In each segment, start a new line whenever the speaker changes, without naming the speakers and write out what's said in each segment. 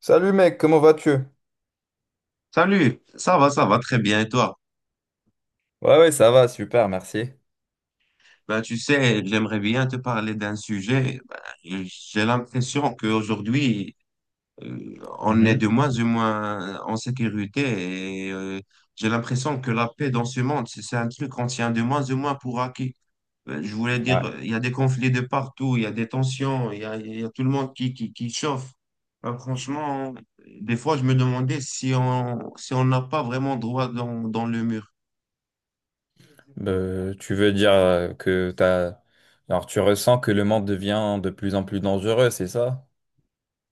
Salut mec, comment vas-tu?
Salut, ça va très bien et toi?
Ouais, ouais, ça va, super, merci.
Ben, tu sais, j'aimerais bien te parler d'un sujet. Ben, j'ai l'impression qu'aujourd'hui, on est
Mhm,
de moins en moins en sécurité et j'ai l'impression que la paix dans ce monde, c'est un truc qu'on tient de moins en moins pour acquis. Je voulais dire,
ouais.
il y a des conflits de partout, il y a des tensions, il y a tout le monde qui chauffe. Ben, franchement, des fois, je me demandais si on n'a pas vraiment droit dans le mur.
Tu veux dire que Alors, tu ressens que le monde devient de plus en plus dangereux, c'est ça?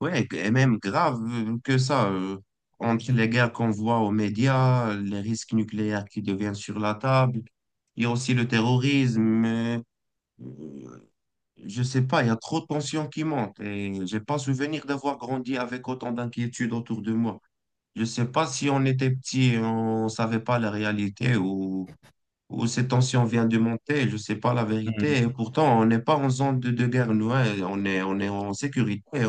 Ouais, et même grave que ça, entre les guerres qu'on voit aux médias, les risques nucléaires qui deviennent sur la table, il y a aussi le terrorisme, euh, je sais pas, il y a trop de tensions qui montent et j'ai pas souvenir d'avoir grandi avec autant d'inquiétudes autour de moi. Je sais pas si on était petit et on savait pas la réalité ou ces tensions viennent de monter, je sais pas la vérité et pourtant on n'est pas en zone de guerre, nous, hein, on est en sécurité,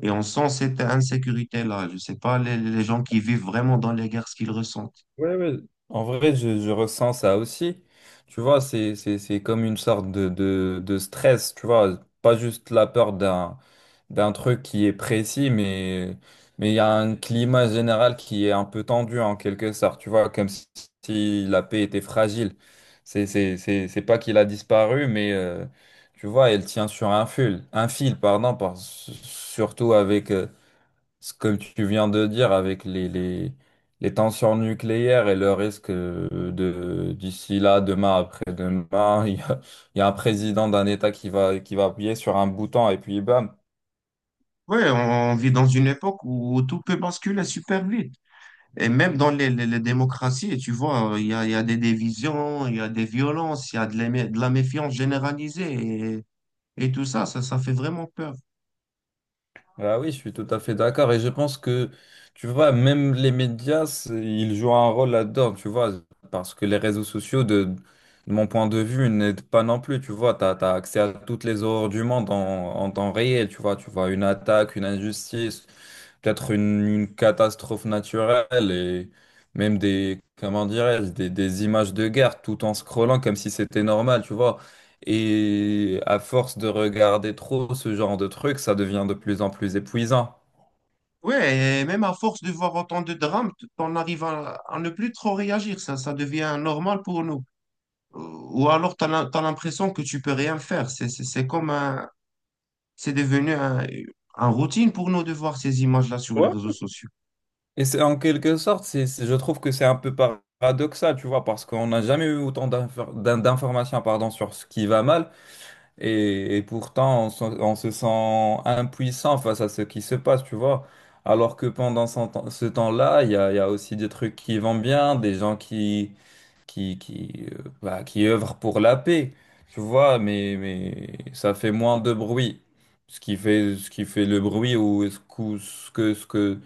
et on sent cette insécurité-là. Je ne sais pas les gens qui vivent vraiment dans les guerres, ce qu'ils ressentent.
Ouais, ouais. En vrai, je ressens ça aussi. Tu vois, c'est comme une sorte de stress, tu vois. Pas juste la peur d'un truc qui est précis, mais il y a un climat général qui est un peu tendu en quelque sorte, tu vois, comme si la paix était fragile. C'est pas qu'il a disparu, mais tu vois, elle tient sur un fil, pardon, surtout avec ce que tu viens de dire avec les tensions nucléaires et le risque de d'ici là, demain, après-demain, il y a un président d'un État qui va appuyer sur un bouton et puis bam.
Ouais, on vit dans une époque où tout peut basculer super vite. Et même dans les démocraties, tu vois, il y a des divisions, il y a des violences, il y a de de la méfiance généralisée et, et tout ça, ça fait vraiment peur.
Ah oui, je suis tout à fait d'accord et je pense que tu vois, même les médias, ils jouent un rôle là-dedans, tu vois, parce que les réseaux sociaux de mon point de vue, n'aident pas non plus, tu vois, t'as accès à toutes les horreurs du monde en temps réel, tu vois une attaque, une injustice, peut-être une catastrophe naturelle et même des, comment dirais-je, des images de guerre tout en scrollant comme si c'était normal, tu vois. Et à force de regarder trop ce genre de trucs, ça devient de plus en plus épuisant.
Ouais, et même à force de voir autant de drames, on arrive à ne plus trop réagir, ça devient normal pour nous. Ou alors, tu as l'impression que tu peux rien faire. C'est comme un, c'est devenu un routine pour nous de voir ces images-là sur les
Ouais,
réseaux sociaux.
et c'est en quelque sorte, je trouve que c'est un peu paradoxal, tu vois, parce qu'on n'a jamais eu autant d'informations, pardon, sur ce qui va mal. Et pourtant, on se sent impuissant face à ce qui se passe, tu vois. Alors que pendant ce temps-là, il y a aussi des trucs qui vont bien, des gens qui, qui œuvrent pour la paix, tu vois, mais ça fait moins de bruit. Ce qui fait le bruit ou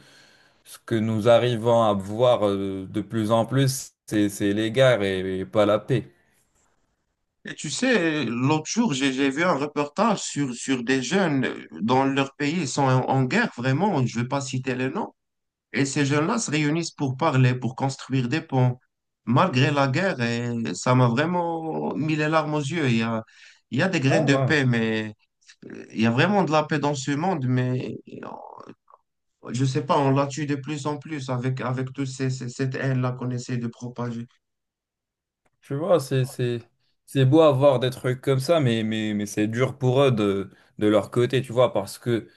ce que nous arrivons à voir de plus en plus, c'est les guerres et pas la paix.
Et tu sais, l'autre jour, j'ai vu un reportage sur des jeunes dans leur pays, ils sont en, en guerre, vraiment, je ne vais pas citer les noms. Et ces jeunes-là se réunissent pour parler, pour construire des ponts, malgré la guerre. Et ça m'a vraiment mis les larmes aux yeux. Il y a des
Ah
graines de
ouais.
paix, mais il y a vraiment de la paix dans ce monde. Mais euh, je ne sais pas, on la tue de plus en plus avec toute cette haine-là qu'on essaie de propager.
Tu vois, c'est beau avoir des trucs comme ça, mais c'est dur pour eux de leur côté, tu vois, parce que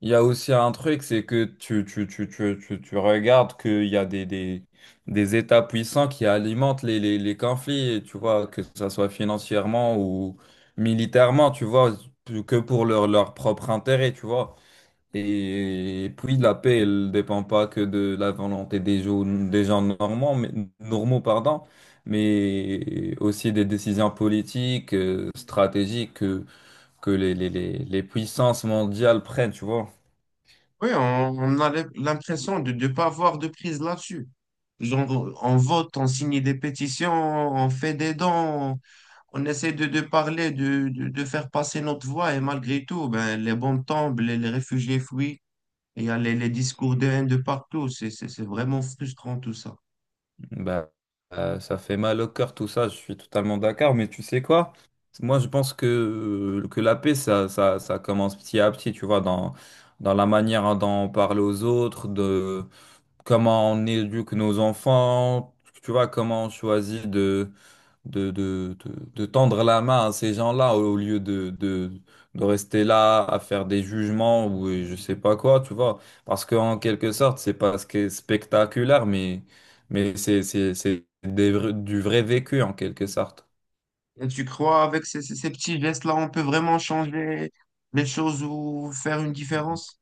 il y a aussi un truc, c'est que tu regardes qu'il y a des États puissants qui alimentent les conflits, tu vois, que ça soit financièrement ou militairement, tu vois, que pour leur, leur propre intérêt, tu vois. Et puis la paix, elle ne dépend pas que de la volonté des gens normands, mais, normaux, pardon, mais aussi des décisions politiques, stratégiques que les puissances mondiales prennent, tu vois.
Oui, on a l'impression de ne pas avoir de prise là-dessus. Genre, on vote, on signe des pétitions, on fait des dons, on essaie de parler, de faire passer notre voix, et malgré tout, ben, les bombes tombent, les réfugiés fuient, et il y a les discours de haine de partout. C'est vraiment frustrant tout ça.
Bah, Ça fait mal au cœur tout ça, je suis totalement d'accord, mais tu sais quoi? Moi, je pense que la paix, ça commence petit à petit, tu vois, dans, dans la manière dont on parle aux autres, de comment on éduque nos enfants, tu vois, comment on choisit de tendre la main à ces gens-là au lieu de rester là à faire des jugements ou je sais pas quoi, tu vois. Parce qu'en quelque sorte, c'est pas ce qui est spectaculaire, mais c'est du vrai vécu en quelque sorte.
Et tu crois, avec ces petits gestes-là, on peut vraiment changer les choses ou faire une différence?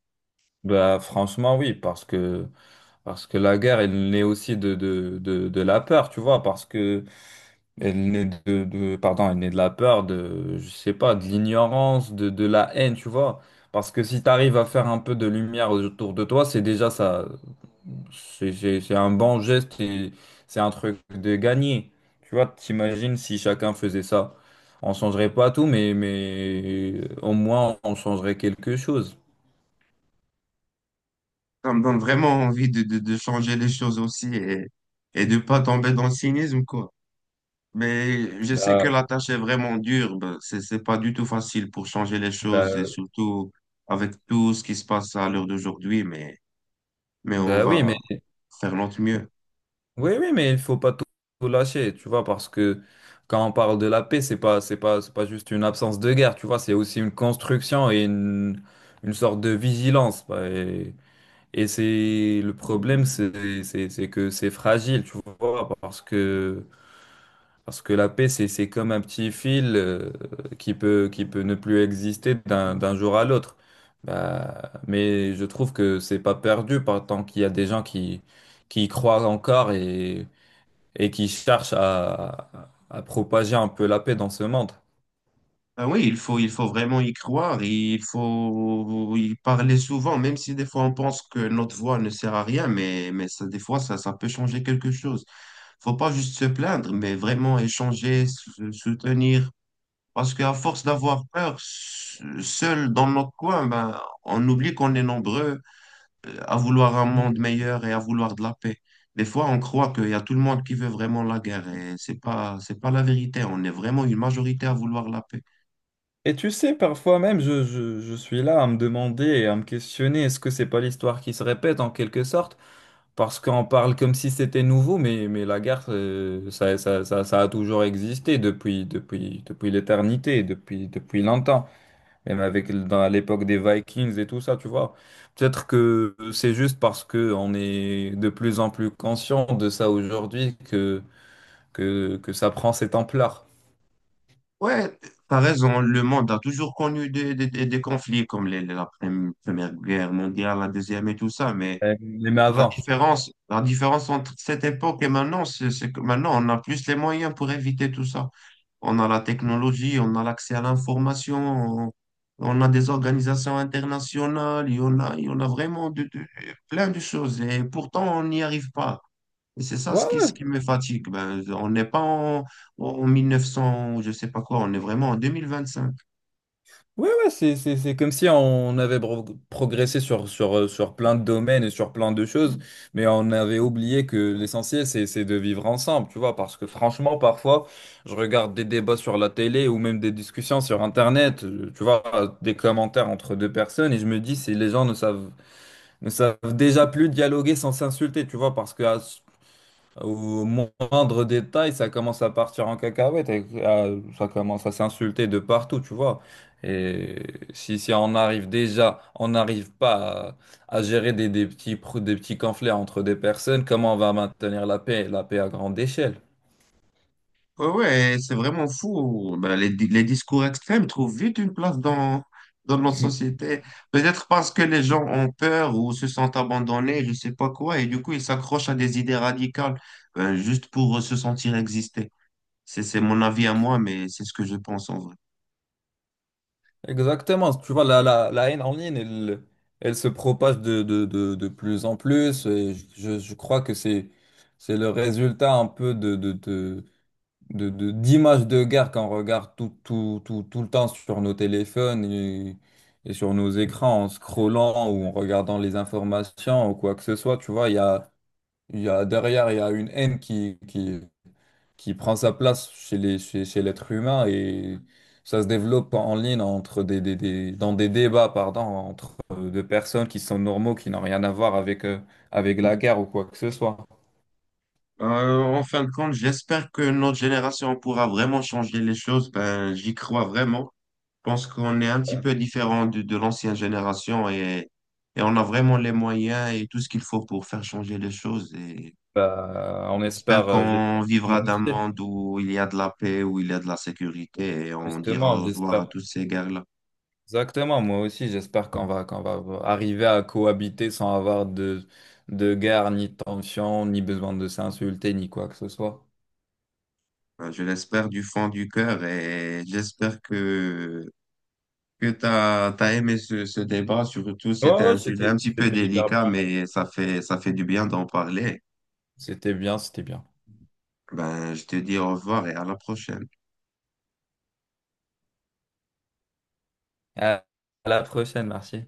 Bah, franchement, oui, parce que la guerre, elle naît aussi de la peur, tu vois, parce que elle naît pardon, elle naît de la peur, de, je sais pas, de l'ignorance, de la haine, tu vois. Parce que si tu arrives à faire un peu de lumière autour de toi, c'est déjà ça, c'est un bon geste et c'est un truc de gagné. Tu vois, t'imagines si chacun faisait ça. On changerait pas tout, mais au moins on changerait quelque chose.
Ça me donne vraiment envie de changer les choses aussi et de pas tomber dans le cynisme, quoi. Mais je sais que
Bah,
la tâche est vraiment dure. Ben, c'est pas du tout facile pour changer les choses et
bah,
surtout avec tout ce qui se passe à l'heure d'aujourd'hui, mais on
Bah oui,
va
mais.
faire notre mieux.
Oui, oui, mais il faut pas tout lâcher, tu vois, parce que quand on parle de la paix, c'est pas juste une absence de guerre, tu vois, c'est aussi une construction et une sorte de vigilance. Et c'est le problème, c'est que c'est fragile, tu vois, parce que la paix, c'est comme un petit fil qui peut ne plus exister d'un jour à l'autre. Bah, mais je trouve que c'est pas perdu par tant qu'il y a des gens qui y croient encore et qui cherchent à propager un peu la paix dans ce monde.
Ben oui, il faut vraiment y croire, il faut y parler souvent, même si des fois on pense que notre voix ne sert à rien, mais ça, des fois ça, ça peut changer quelque chose. Faut pas juste se plaindre, mais vraiment échanger, soutenir. Parce qu'à force d'avoir peur, seul dans notre coin, ben, on oublie qu'on est nombreux à vouloir un monde
Mm.
meilleur et à vouloir de la paix. Des fois, on croit qu'il y a tout le monde qui veut vraiment la guerre et c'est pas la vérité. On est vraiment une majorité à vouloir la paix.
Et tu sais, parfois même, je suis là à me demander et à me questionner, est-ce que c'est pas l'histoire qui se répète en quelque sorte? Parce qu'on parle comme si c'était nouveau, mais la guerre, ça a toujours existé depuis l'éternité, depuis longtemps. Même avec, dans l'époque des Vikings et tout ça, tu vois. Peut-être que c'est juste parce que on est de plus en plus conscient de ça aujourd'hui que ça prend ces Templars.
Ouais, t'as raison. Le monde a toujours connu des conflits comme la Première Guerre mondiale, la Deuxième et tout ça, mais
Même
la
avant.
différence, la différence entre cette époque et maintenant, c'est que maintenant, on a plus les moyens pour éviter tout ça. On a la technologie, on a l'accès à l'information, on a des organisations internationales, il y en a vraiment de, plein de choses. Et pourtant, on n'y arrive pas. Et c'est ça
Ouais,
ce
ouais,
qui me fatigue. Ben, on n'est pas en 1900, je sais pas quoi, on est vraiment en 2025.
ouais, c'est comme si on avait progressé sur, sur plein de domaines et sur plein de choses, mais on avait oublié que l'essentiel, c'est de vivre ensemble, tu vois, parce que franchement, parfois, je regarde des débats sur la télé ou même des discussions sur Internet, tu vois, des commentaires entre deux personnes, et je me dis, si les gens ne savent déjà plus dialoguer sans s'insulter, tu vois, parce que à au moindre détail, ça commence à partir en cacahuète, et ça commence à s'insulter de partout, tu vois. Et si, si on arrive déjà, on n'arrive pas à, à gérer des petits, des petits conflits entre des personnes, comment on va maintenir la paix à grande échelle?
Ouais, ouais, c'est vraiment fou. Ben, les discours extrêmes trouvent vite une place dans notre société. Peut-être parce que les gens ont peur ou se sentent abandonnés, je sais pas quoi, et du coup, ils s'accrochent à des idées radicales, ben, juste pour se sentir exister. C'est mon avis à moi, mais c'est ce que je pense en vrai.
Exactement, tu vois, la haine en ligne, elle, elle se propage de plus en plus. Et je crois que c'est le résultat un peu d'images de guerre qu'on regarde tout le temps sur nos téléphones et sur nos écrans en scrollant ou en regardant les informations ou quoi que ce soit, tu vois, il y a derrière, il y a une haine qui prend sa place chez chez l'être humain et ça se développe en ligne entre dans des débats, pardon, entre deux personnes qui sont normaux, qui n'ont rien à voir avec, avec la guerre ou quoi que ce soit.
En fin de compte, j'espère que notre génération pourra vraiment changer les choses. Ben, j'y crois vraiment. Pense qu'on est un petit peu différent de l'ancienne génération et on a vraiment les moyens et tout ce qu'il faut pour faire changer les choses. Et
Bah, on
j'espère
espère,
qu'on
j'espère.
vivra
Moi
d'un
aussi.
monde où il y a de la paix, où il y a de la sécurité et on dira
Justement,
au revoir à
j'espère.
toutes ces guerres-là.
Exactement, moi aussi, j'espère qu'on va arriver à cohabiter sans avoir de guerre, ni de tension, ni besoin de s'insulter, ni quoi que ce soit.
Enfin, je l'espère du fond du cœur et j'espère que tu as, aimé ce débat. Surtout,
Ouais,
c'était
ouais,
un sujet un petit peu
c'était hyper
délicat,
bien.
mais ça fait du bien d'en parler.
C'était bien, c'était bien.
Ben, je te dis au revoir et à la prochaine.
À à la prochaine, merci.